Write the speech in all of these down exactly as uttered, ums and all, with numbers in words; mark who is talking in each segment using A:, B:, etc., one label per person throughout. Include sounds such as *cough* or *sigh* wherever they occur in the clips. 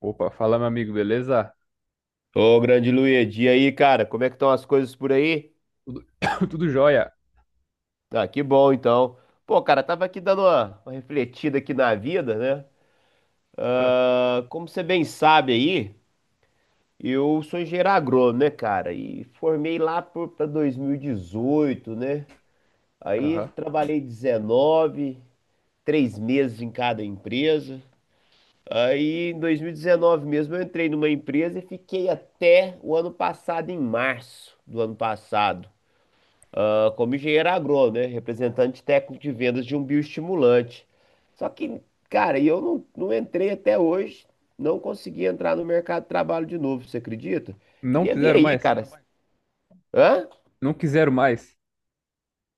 A: Opa, fala, meu amigo, beleza?
B: Ô, grande Luigi, e aí, cara, como é que estão as coisas por aí?
A: Tudo, *coughs* tudo jóia.
B: Ah, que bom, então. Pô, cara, tava aqui dando uma, uma refletida aqui na vida, né?
A: Ah.
B: Ah, como você bem sabe aí, eu sou engenheiro agrônomo, né, cara? E formei lá por, pra dois mil e dezoito, né? Aí
A: Aham.
B: trabalhei dezenove, três meses em cada empresa. Aí em dois mil e dezenove mesmo eu entrei numa empresa e fiquei até o ano passado, em março do ano passado. ah, como engenheiro agrônomo, né? Representante técnico de vendas de um bioestimulante. Só que, cara, e eu não, não entrei até hoje, não consegui entrar no mercado de trabalho de novo, você acredita?
A: Não
B: Queria ver
A: quiseram
B: aí,
A: mais?
B: cara. Hã?
A: Não quiseram mais?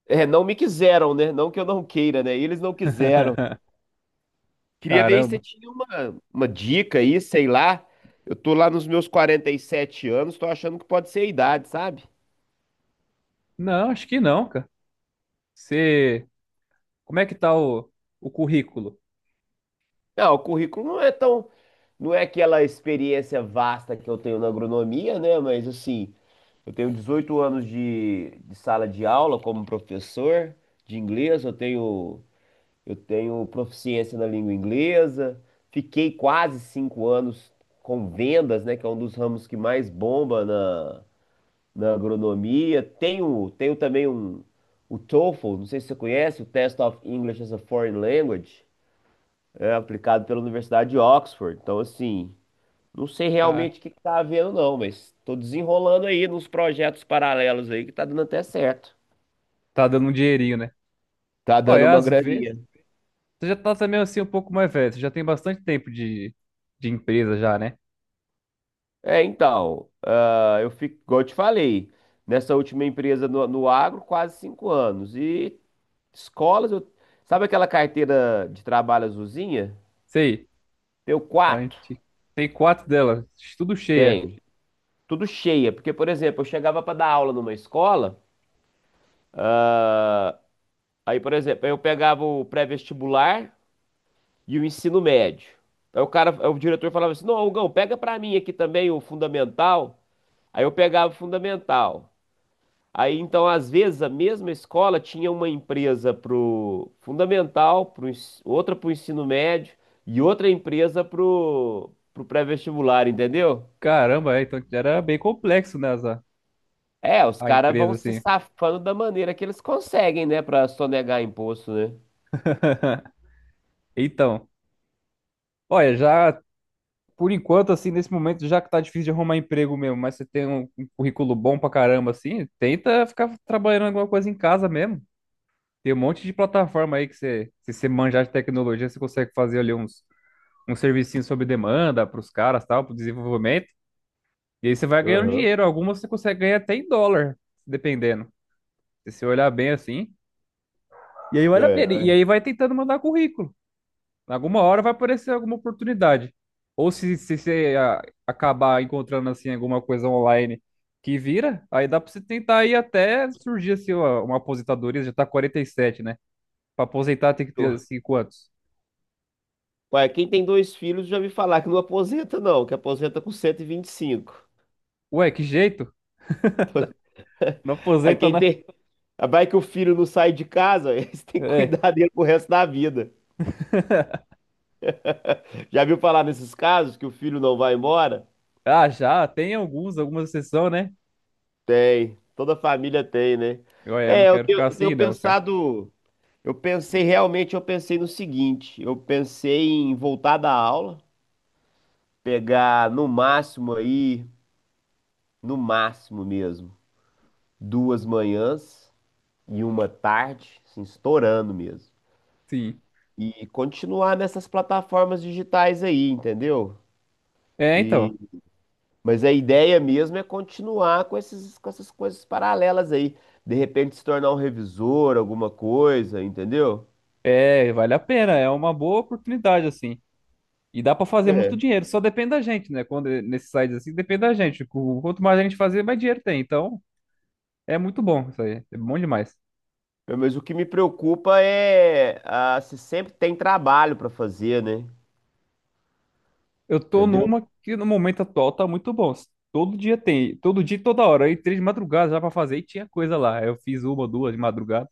B: É, não me quiseram, né? Não que eu não queira, né? Eles não quiseram.
A: *laughs*
B: Queria ver se você
A: Caramba.
B: tinha uma, uma dica aí, sei lá. Eu tô lá nos meus quarenta e sete anos, tô achando que pode ser a idade, sabe?
A: Não, acho que não, cara. Você. Como é que tá o, o, currículo?
B: Não, o currículo não é tão. Não é aquela experiência vasta que eu tenho na agronomia, né? Mas assim, eu tenho dezoito anos de, de sala de aula como professor de inglês, eu tenho, eu tenho proficiência na língua inglesa, fiquei quase cinco anos com vendas, né? Que é um dos ramos que mais bomba na, na agronomia. Tenho, tenho também um, o TOEFL, não sei se você conhece, o Test of English as a Foreign Language é, aplicado pela Universidade de Oxford. Então, assim, não sei
A: Ah,
B: realmente o que que tá havendo, não, mas tô desenrolando aí nos projetos paralelos aí que tá dando até certo.
A: tá dando um dinheirinho, né?
B: Tá dando
A: Olha,
B: uma
A: às vezes.
B: graninha.
A: Você já tá também assim um pouco mais velho. Você já tem bastante tempo de, de empresa já, né?
B: É, então, ah, eu fico, igual eu te falei, nessa última empresa no, no agro, quase cinco anos. E escolas, eu- sabe aquela carteira de trabalho azulzinha?
A: Sei.
B: Tenho
A: A
B: quatro.
A: gente tem quatro delas, tudo cheia.
B: Tenho. Tudo cheia. Porque, por exemplo, eu chegava para dar aula numa escola, aí, por exemplo, eu pegava o pré-vestibular, e o ensino médio. Aí o cara, o diretor falava assim: "Não, Hugão, pega pra mim aqui também o fundamental". Aí eu pegava o fundamental. Aí então, às vezes, a mesma escola tinha uma empresa pro fundamental, pro, ens- outra pro ensino médio e outra empresa pro, pro pré-vestibular, entendeu?
A: Caramba, é, então era bem complexo, né, essa-
B: É, os
A: a
B: caras
A: empresa,
B: vão se
A: assim.
B: safando da maneira que eles conseguem, né, pra sonegar imposto, né?
A: *laughs* Então. Olha, já por enquanto, assim, nesse momento já que tá difícil de arrumar emprego mesmo, mas você tem um, um, currículo bom pra caramba, assim, tenta ficar trabalhando alguma coisa em casa mesmo. Tem um monte de plataforma aí que você, se você manjar de tecnologia, você consegue fazer ali uns, uns servicinhos sob demanda pros caras, tal, pro desenvolvimento. E aí você vai ganhando
B: Aham.
A: dinheiro. Algumas você consegue ganhar até em dólar, dependendo. Se você olhar bem assim. E aí olha,
B: É,
A: e aí vai tentando mandar currículo. Alguma hora vai aparecer alguma oportunidade. Ou se, se, você ah, acabar encontrando assim alguma coisa online que vira, aí dá pra você tentar ir até surgir assim uma, uma aposentadoria, já tá quarenta e sete, né? Pra aposentar tem que ter
B: é.
A: assim quantos?
B: Ué, quem tem dois filhos já me falar que não aposenta, não, que aposenta com cento e e vinte e cinco.
A: Ué, que jeito? Não
B: Aí
A: aposenta,
B: quem
A: né?
B: tem. Vai que o filho não sai de casa, *laughs* aí você tem que
A: É.
B: cuidar dele pro resto da vida. Já viu falar nesses casos que o filho não vai embora?
A: Ah, já, tem alguns, algumas exceções, né?
B: Tem. Toda família tem, né?
A: Ué, eu não
B: É, eu
A: quero
B: tenho,
A: ficar
B: eu tenho
A: assim, não, cara.
B: pensado. Eu pensei realmente, eu pensei no seguinte: eu pensei em voltar da aula, pegar no máximo aí, no máximo mesmo, duas manhãs e uma tarde, assim, estourando mesmo.
A: Sim.
B: E continuar nessas plataformas digitais aí, entendeu?
A: É, então.
B: E, mas a ideia mesmo é continuar com esses, com essas coisas paralelas aí. De repente se tornar um revisor, alguma coisa, entendeu?
A: É, vale a pena, é uma boa oportunidade, assim. E dá pra fazer
B: É.
A: muito dinheiro, só depende da gente, né? Quando é nesses sites assim, depende da gente. Qu- Quanto mais a gente fazer, mais dinheiro tem. Então, é muito bom isso aí. É bom demais.
B: Mas o que me preocupa é ah, se sempre tem trabalho para fazer, né?
A: Eu tô
B: Entendeu?
A: numa que no momento atual tá muito bom. Todo dia tem, todo dia, e toda hora. Aí três de madrugada já pra fazer e tinha coisa lá. Eu fiz uma, duas de madrugada.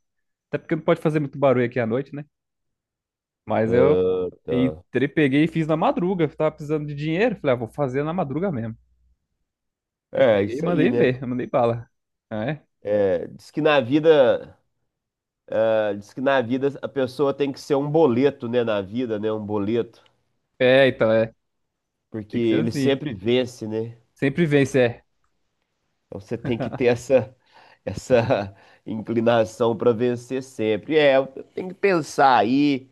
A: Até porque não pode fazer muito barulho aqui à noite, né? Mas eu
B: Tá.
A: entrei, peguei e fiz na madruga. Tava precisando de dinheiro. Falei, ah, vou fazer na madruga mesmo. Aí
B: É,
A: peguei e
B: isso aí,
A: mandei
B: né?
A: ver, mandei bala. Ah. É,
B: É, diz que na vida, ah, diz que na vida a pessoa tem que ser um boleto, né? Na vida, né? Um boleto.
A: é, então é.
B: Porque
A: Tem que ser
B: ele
A: assim.
B: sempre vence, né?
A: Sempre vence, é.
B: Então você tem que ter essa, essa *laughs* inclinação para vencer sempre. É, tem que pensar aí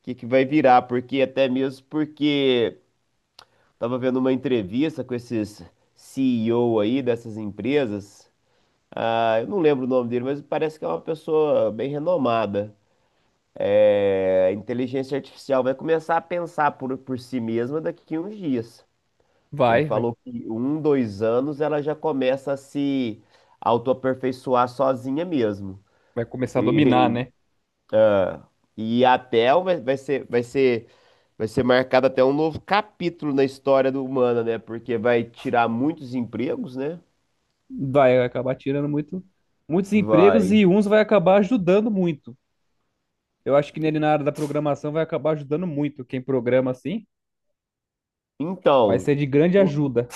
B: o que que vai virar, porque até mesmo porque estava vendo uma entrevista com esses C E O aí dessas empresas. Ah, eu não lembro o nome dele, mas parece que é uma pessoa bem renomada. É, a inteligência artificial vai começar a pensar por, por si mesma daqui a uns dias. Ele
A: Vai, vai,
B: falou que um, dois anos ela já começa a se autoaperfeiçoar sozinha mesmo.
A: vai começar a dominar,
B: E,
A: né?
B: *laughs* ah, e até vai, vai ser, vai ser, vai ser marcado até um novo capítulo na história do humana, né? Porque vai tirar muitos empregos, né?
A: Vai acabar tirando muito, muitos empregos
B: Vai.
A: e uns vai acabar ajudando muito. Eu acho que nele na área da programação vai acabar ajudando muito. Quem programa assim vai
B: Então,
A: ser de grande
B: u-
A: ajuda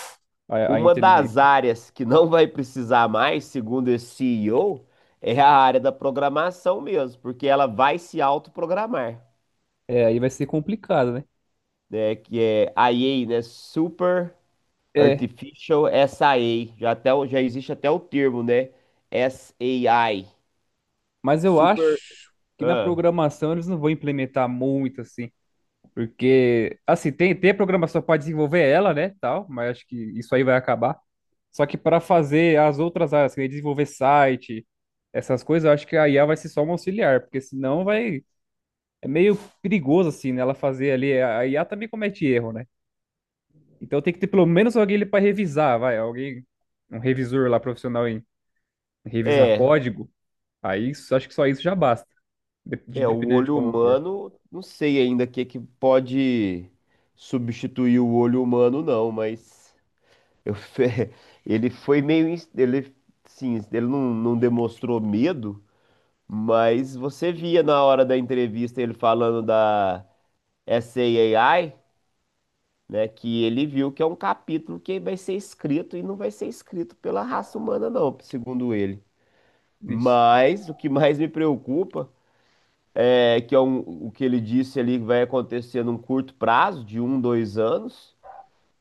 A: a, a,
B: uma das
A: inteligência.
B: áreas que não vai precisar mais, segundo esse C E O, é a área da programação mesmo, porque ela vai se autoprogramar.
A: É, aí vai ser complicado, né?
B: Né, que é a E A, né, Super
A: É,
B: Artificial S I A, já até o- já existe até o termo, né, S A I.
A: mas eu
B: Super,
A: acho que na
B: ah,
A: programação eles não vão implementar muito assim. Porque, assim, tem, tem a programação para desenvolver ela, né, tal, mas acho que isso aí vai acabar. Só que para fazer as outras áreas, assim, desenvolver site, essas coisas, eu acho que a I A vai ser só um auxiliar, porque senão vai... É meio perigoso, assim, né, ela fazer ali... A I A também comete erro, né? Então tem que ter pelo menos alguém ali para revisar, vai, alguém... Um revisor lá profissional em revisar
B: é,
A: código. Aí isso- acho que só isso já basta, de- de-
B: é o
A: dependendo de
B: olho
A: como for.
B: humano, não sei ainda o que é que pode substituir o olho humano não, mas eu fe- *laughs* ele foi meio, ins- ele, sim, ele não, não demonstrou medo, mas você via na hora da entrevista ele falando da S A I, né? Que ele viu que é um capítulo que vai ser escrito e não vai ser escrito pela raça humana, não, segundo ele.
A: Ixi.
B: Mas o que mais me preocupa é que é um- o que ele disse ali que vai acontecer num curto prazo, de um, dois anos.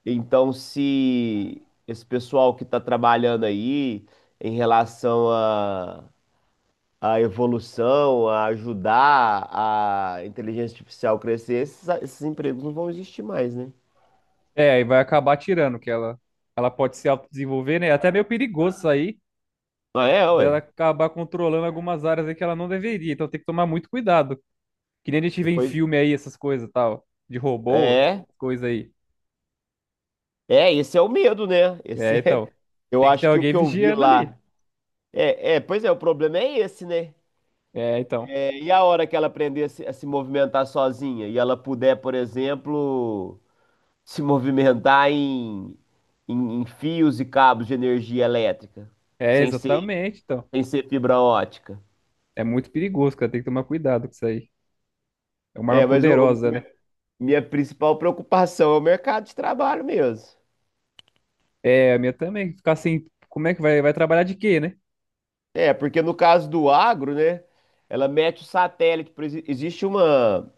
B: Então, se esse pessoal que está trabalhando aí em relação à à evolução, a ajudar a inteligência artificial crescer, esses, esses empregos não vão existir mais, né?
A: É, aí vai acabar tirando, que ela, ela, pode se autodesenvolver, né? É. Até meio perigoso isso aí,
B: Ah, é,
A: dela
B: ué.
A: acabar controlando algumas áreas aí que ela não deveria. Então tem que tomar muito cuidado. Que nem a gente vê em
B: Depois.
A: filme aí, essas coisas e tal, de robô,
B: É.
A: coisa aí.
B: É, esse é o medo, né? Esse
A: É,
B: é...
A: então,
B: Eu
A: tem que ter
B: acho que o
A: alguém
B: que eu vi
A: vigiando ali.
B: lá. É, é, pois é, o problema é esse, né?
A: É, então.
B: É, e a hora que ela aprender a se, a se movimentar sozinha e ela puder, por exemplo, se movimentar em, em, em fios e cabos de energia elétrica,
A: É,
B: sem ser,
A: exatamente, então.
B: sem ser fibra ótica.
A: É muito perigoso, cara. Tem que tomar cuidado com isso aí. É uma
B: É,
A: arma
B: mas o, o-
A: poderosa, né?
B: minha minha principal preocupação é o mercado de trabalho mesmo.
A: É, a minha também. Ficar assim, como é que vai, vai, trabalhar de quê, né?
B: É, porque no caso do agro, né? Ela mete o satélite, por ex- existe uma.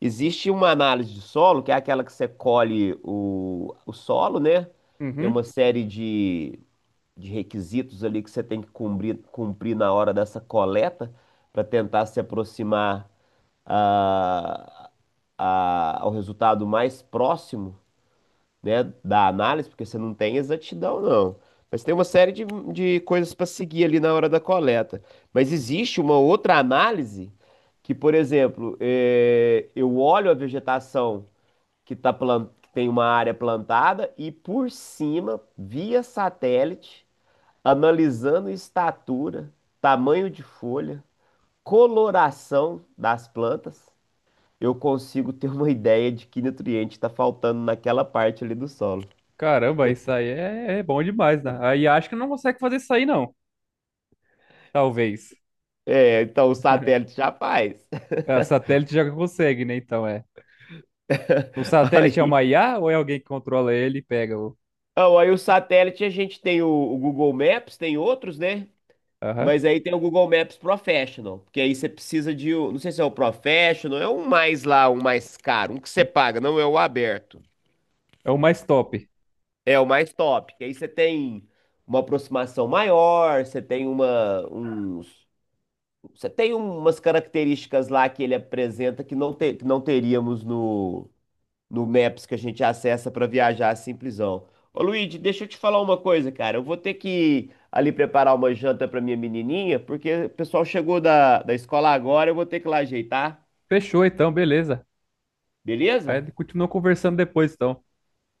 B: Existe uma análise de solo, que é aquela que você colhe o, o solo, né? Tem uma
A: Uhum.
B: série de, de requisitos ali que você tem que cumprir, cumprir na hora dessa coleta para tentar se aproximar a, a- ao resultado mais próximo, né, da análise, porque você não tem exatidão, não. Mas tem uma série de, de coisas para seguir ali na hora da coleta. Mas existe uma outra análise que, por exemplo, eh, eu olho a vegetação que, tá plan- que tem uma área plantada e por cima, via satélite, analisando estatura, tamanho de folha, coloração das plantas, eu consigo ter uma *laughs* ideia de que nutriente está faltando naquela parte ali do solo.
A: Caramba, isso aí é, é bom demais, né? Aí acho que não consegue fazer isso aí, não. Talvez.
B: Então, o satélite já faz.
A: É, o satélite já consegue, né? Então é. O
B: *laughs*
A: satélite é
B: Aí,
A: uma I A ou é alguém que controla ele e pega o.
B: não, aí o satélite a gente tem o, o Google Maps, tem outros, né?
A: Aham.
B: Mas aí tem o Google Maps Professional, porque aí você precisa de, um- não sei se é o Professional, é um mais lá, um mais caro, um que você paga, não é o aberto.
A: É o mais top.
B: É o mais top, que aí você tem uma aproximação maior, você tem uma, uns, você tem umas características lá que ele apresenta que não, te- que não teríamos no no Maps que a gente acessa para viajar simplesão. Ô Luigi, deixa eu te falar uma coisa, cara. Eu vou ter que ali preparar uma janta para minha menininha, porque o pessoal chegou da, da escola agora, eu vou ter que ir lá ajeitar,
A: Fechou então, beleza.
B: beleza?
A: Aí continua conversando depois, então.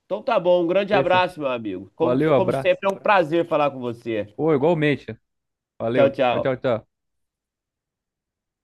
B: Então tá bom, um grande
A: Fechou.
B: abraço, meu amigo. Como,
A: Valeu,
B: como
A: abraço.
B: sempre, é um prazer falar com você.
A: Pô, igualmente.
B: Tchau,
A: Valeu. Tchau,
B: tchau.
A: tchau, tchau.